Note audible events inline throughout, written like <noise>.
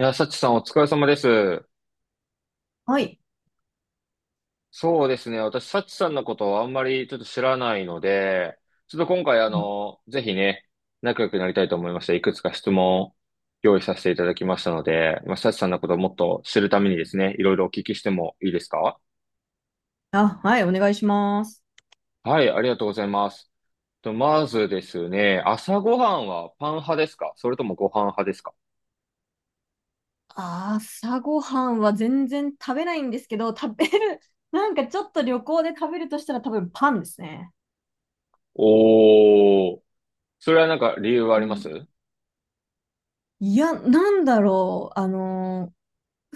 いや、サチさんお疲れ様です。はい。そうですね。私、サチさんのことをあんまりちょっと知らないので、ちょっと今回、うん。ぜひね、仲良くなりたいと思いまして、いくつか質問を用意させていただきましたので、まあ、サチさんのことをもっと知るためにですね、いろいろお聞きしてもいいですか？あ、はい、お願いします。はい、ありがとうございます。と、まずですね、朝ごはんはパン派ですか、それともご飯派ですか？朝ごはんは全然食べないんですけど、食べる、<laughs> なんかちょっと旅行で食べるとしたら多分パンですね。おー、それはなんか理由はあうりますん。うん。いや、なんだろう。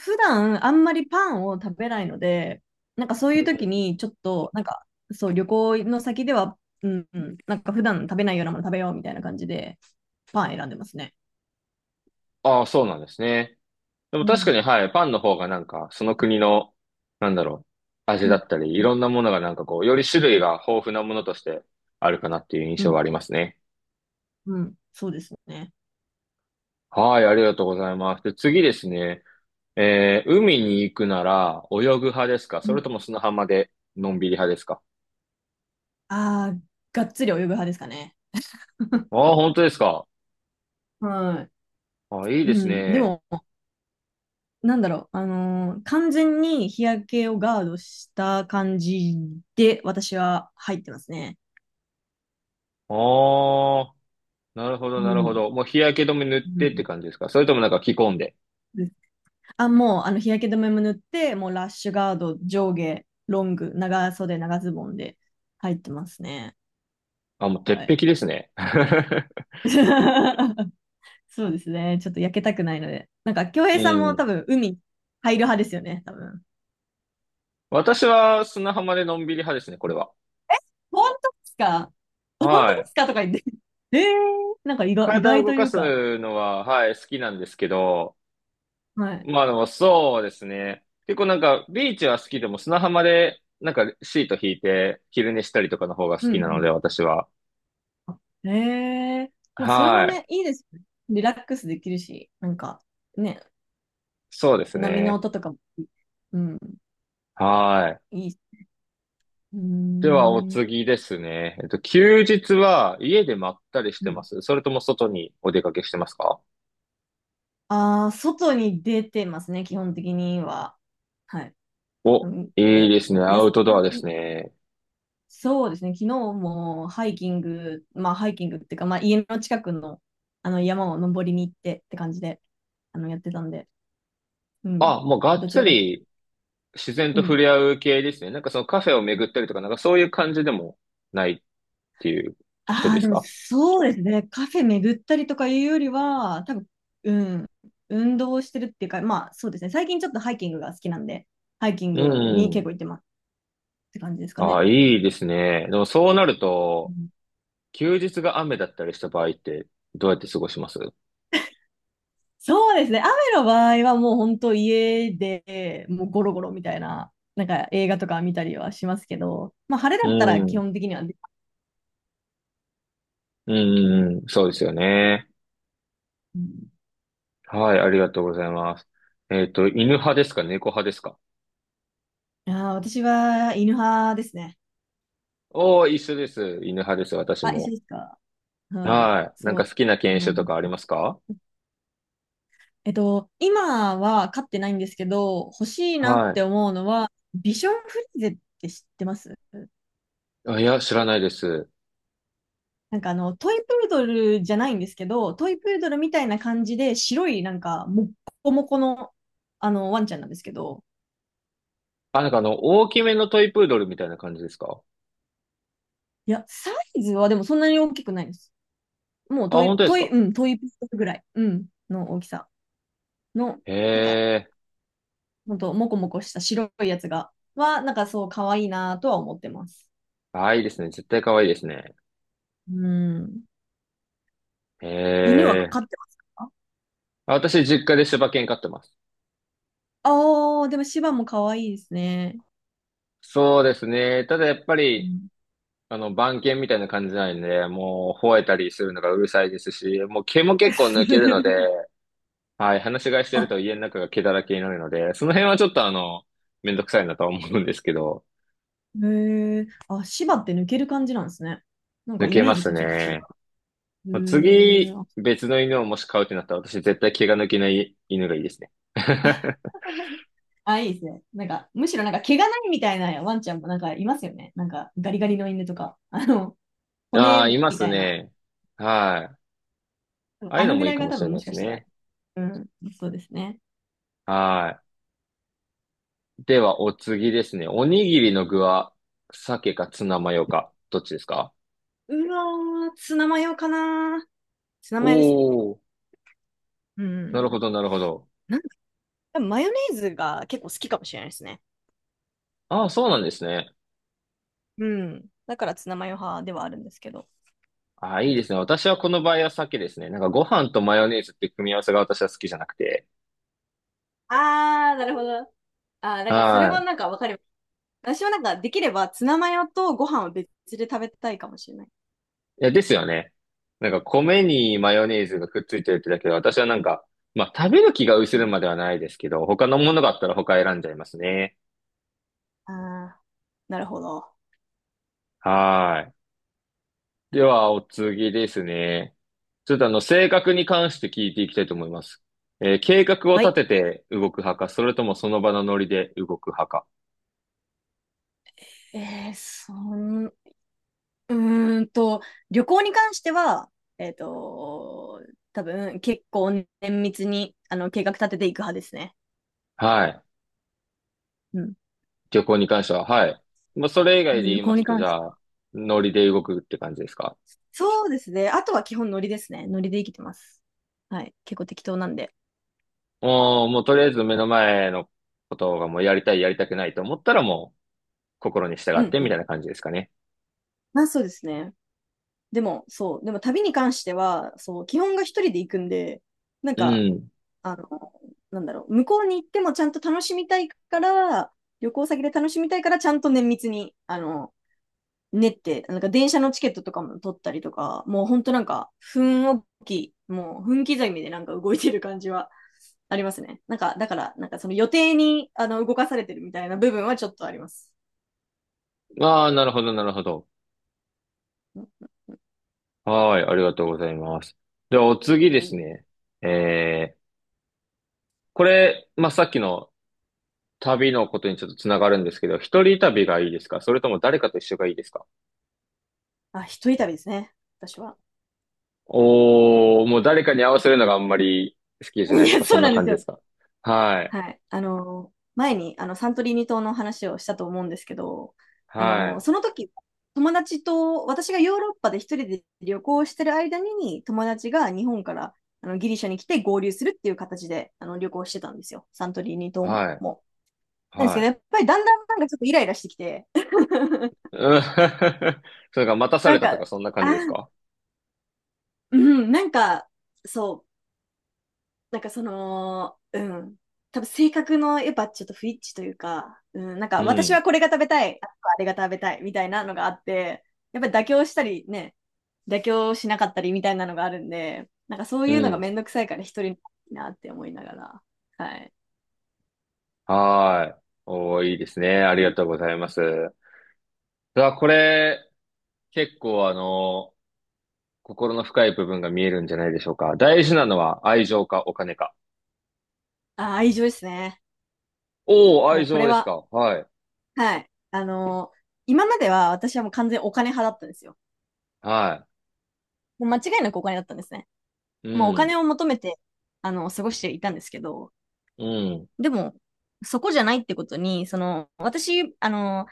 普段あんまりパンを食べないので、なんかそういう時にちょっと、なんかそう、旅行の先では、うんうん、なんか普段食べないようなもの食べようみたいな感じで、パン選んでますね。ああ、そうなんですね。でもう確かに、ん。はい、パンの方がなんか、その国の、なんだろう、味うだん。ったり、いうん。ろんなものがなんかこう、より種類が豊富なものとしてあるかなっていう印う象はん。ありますね。うん、そうですね。はい、ありがとうございます。で、次ですね。えー、海に行くなら、泳ぐ派ですか、それとも砂浜で、のんびり派ですか？ああ、がっつり泳ぐ派ですかね。あ <laughs> あー、本当ですか？はあ、いいい。うですん、でね。も、なんだろう、完全に日焼けをガードした感じで、私は入ってますね。ああ、なるほど、うなるほん。ど。もう日焼け止め塗っうてってん感じですか、それともなんか着込んで。うん。あ、もう、日焼け止めも塗って、もうラッシュガード、上下、ロング、長袖、長ズボンで入ってますね。あ、もう鉄はい。壁ですね。<laughs> <laughs> そうですね。ちょっと焼けたくないので。なんか、京平うさんもん。多分、海入る派ですよね、多分。私は砂浜でのんびり派ですね、これは。本当ですか？本当はでい。すかとか言って。ええ。なんか意外、意体を外と動いかうか。すのは、はい、好きなんですけど、はい。まあでもそうですね。結構なんか、ビーチは好きでも砂浜で、なんかシート引いて昼寝したりとかの方が好うきなのんで、私は。うん。ええ。まあ、それもはい。ね、いいですよね。リラックスできるし、なんか、ね、そうです波のね。音とかも、うん、はい。いいし。うーでは、おん。次ですね。えっと、休日は家でまったりしうてまん。すそれとも外にお出かけしてますか？ああ、外に出てますね、基本的には。はい。うお、ん、いいですね。アウトドアですね。そうですね、昨日もハイキング、まあハイキングっていうか、まあ家の近くの、あの山を登りに行ってって感じで、やってたんで、うん、あ、もうがっどちつらかというと、り自然うと触ん。れ合う系ですね。なんかそのカフェを巡ったりとか、なんかそういう感じでもないっていう人あであ、ですもか？そうですね、カフェ巡ったりとかいうよりは、多分、うん、運動してるっていうか、まあそうですね、最近ちょっとハイキングが好きなんで、ハイキンうグに結ん。構行ってますって感じですかああ、ね。いいですね。でもそうなると、休日が雨だったりした場合って、どうやって過ごしますうそうですね。雨の場合はもう本当家でもうゴロゴロみたいな、なんか映画とか見たりはしますけど、まあ晴れん。だったらう基ん本的にはね。うんうん。そうですよね。うん。はい、ありがとうございます。えっと、犬派ですか、猫派ですか？あー、私は犬派ですね。おー、一緒です。犬派です、私あ、一緒も。ですか。はい。はい。なんそかう。好きな犬種ともかありうますか？今は飼ってないんですけど、欲しいなっはい。て思うのは、ビションフリーゼって知ってます？あ、いや、知らないです。なんかトイプードルじゃないんですけど、トイプードルみたいな感じで、白いなんか、もっこもこの、ワンちゃんなんですけど、あ、なんかあの、大きめのトイプードルみたいな感じですか？いや、サイズはでもそんなに大きくないです。もうあ、トイ、本当でトすイ、うか？ん、トイプードルぐらい、うん、の大きさの、へなんか、え。ほんと、もこもこした白いやつが、なんかそう、可愛いなとは思ってます。あ、いいですね。絶対可愛いですね。うん。へ犬はえ。飼ってますか？私、実家で柴犬飼ってます。ああー、でも芝も可愛いですね。そうですね。ただやっぱうり、ん。 あの、番犬みたいな感じなんで、もう、吠えたりするのがうるさいですし、もう毛も結構抜けるので、<laughs> はい、話し飼いしてるあ、と家の中が毛だらけになるので、その辺はちょっとめんどくさいなとは思うんですけど、へえ、あ、芝って抜ける感じなんですね。なん抜かイけメーまジすとちょっと違ね。まあう。へえ、次、あ、別の犬をもし飼うってなったら、私絶対毛が抜けない犬がいいですね。<laughs> いいですね。なんか、むしろなんか毛がないみたいなワンちゃんもなんかいますよね。なんかガリガリの犬とか、<laughs> ああ、骨いまみすたいな。ね。はい。ああいうあののぐもいらいいかがも多しれ分なもいしでかすしたら、ね。うん、そうですね。はい。では、お次ですね。おにぎりの具は、鮭かツナマヨか、どっちですか？うわー、ツナマヨかな。ツナおマヨですね。ー、うなるん。ほど、なるほど。なんか多分マヨネーズが結構好きかもしれないですね。ああ、そうなんですね。うん。だからツナマヨ派ではあるんですけど。ああ、いういん、ですね。私はこの場合は鮭ですね。なんかご飯とマヨネーズっていう組み合わせが私は好きじゃなくて。あー、なるほど。あー、だからそれはもい。なんかわかります。私はなんかできればツナマヨとご飯を別で食べたいかもしれない。いや、ですよね。なんか米にマヨネーズがくっついてるってだけで、私はなんか、まあ食べる気が薄うれるん。まではないですけど、他のものがあったら他選んじゃいますね。ああ、なるほど。はーい。では、お次ですね。ちょっと性格に関して聞いていきたいと思います。えー、計画をは立い。てて動く派か、それともその場のノリで動く派か。えー、そん、うーんと、旅行に関しては、えっと、多分結構綿密にあの計画立てていく派ですね。はい。うん。旅行に関しては、はい。まあ、それ以外で言旅いま行にすと、じ関しゃてあ、は。ノリで動くって感じですか？そうですね。あとは基本ノリですね。ノリで生きてます。はい。結構適当なんで。もう、もうとりあえず目の前のことがもうやりたい、やりたくないと思ったらもう心に従うっんてうみたん。いな感じですかね。まあそうですね。でも、そう。でも旅に関しては、そう、基本が一人で行くんで、なんうか、ん。あの、なんだろう、向こうに行ってもちゃんと楽しみたいから、旅行先で楽しみたいから、ちゃんと綿密に、練って、なんか電車のチケットとかも取ったりとか、もうほんとなんか、分をき、もう分刻みでなんか動いてる感じはありますね。なんか、だから、なんかその予定に、動かされてるみたいな部分はちょっとあります。ああ、なるほど、なるほど。はい、ありがとうございます。では、お次ですね。えー、これ、まあ、さっきの旅のことにちょっとつながるんですけど、一人旅がいいですか、それとも誰かと一緒がいいですか？あ、一人旅ですね、私は。おー、もう誰かに合わせるのがあんまり好きじゃないいとや、か、そそうんななんで感すじでよ。すか？はい、はい。前にあのサントリーニ島の話をしたと思うんですけど、はい、その時、友達と、私がヨーロッパで一人で旅行してる間に、友達が日本からギリシャに来て合流するっていう形で旅行してたんですよ。サントリーニ島はい、も。なんですけはど、やっい。ぱりだんだんなんかちょっとイライラしてきて、<laughs> うん。 <laughs> それが待たさなれんたとか、か、そんな感あ、じですか？うん、なんか、そう、なんかその、うん。多分性格のやっぱちょっと不一致というか、うん、なんかう私ん。はこれが食べたい、ああれが食べたいみたいなのがあって、やっぱり妥協したりね、妥協しなかったりみたいなのがあるんで、なんかそうういうのがん。めんどくさいから一人になって思いながら、はい。はーい。おー、いいですね。あうりがん、とうございます。さあ、これ、結構心の深い部分が見えるんじゃないでしょうか。大事なのは愛情かお金か。あ、愛情ですね。おー、も愛うこ情れですは、か。はい。はい。今までは私はもう完全にお金派だったんですよ。はもう間違いなくお金だったんですね。い。うもうおん。金を求めて、過ごしていたんですけど、うん。でも、そこじゃないってことに、私、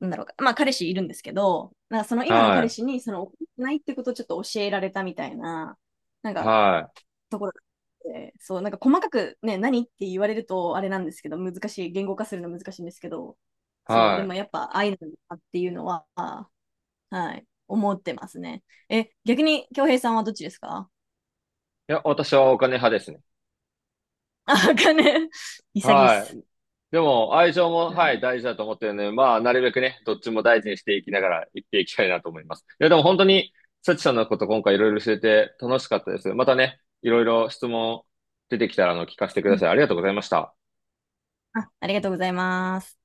なんだろうか、まあ彼氏いるんですけど、なんかその今の彼は氏に、怒ってないってことをちょっと教えられたみたいな、なんい。か、はい。ところがあってそう、なんか細かくね、何って言われると、あれなんですけど、難しい、言語化するの難しいんですけど、そう、ではもい。やっぱ愛なんだっていうのは、はい、思ってますね。え、逆に、京平さんはどっちですか？ いや、私はお金派ですね。<laughs> あ、わかんねえ。<laughs> 潔いっはす。い。でも、愛情も、うはい、ん。大事だと思ってるので、まあ、なるべくね、どっちも大事にしていきながら、生きていきたいなと思います。いや、でも本当に、サチさんのこと今回いろいろ教えて楽しかったです。またね、いろいろ質問出てきたら、聞かせてくうだん。さい。ありがとうございました。あ、ありがとうございます。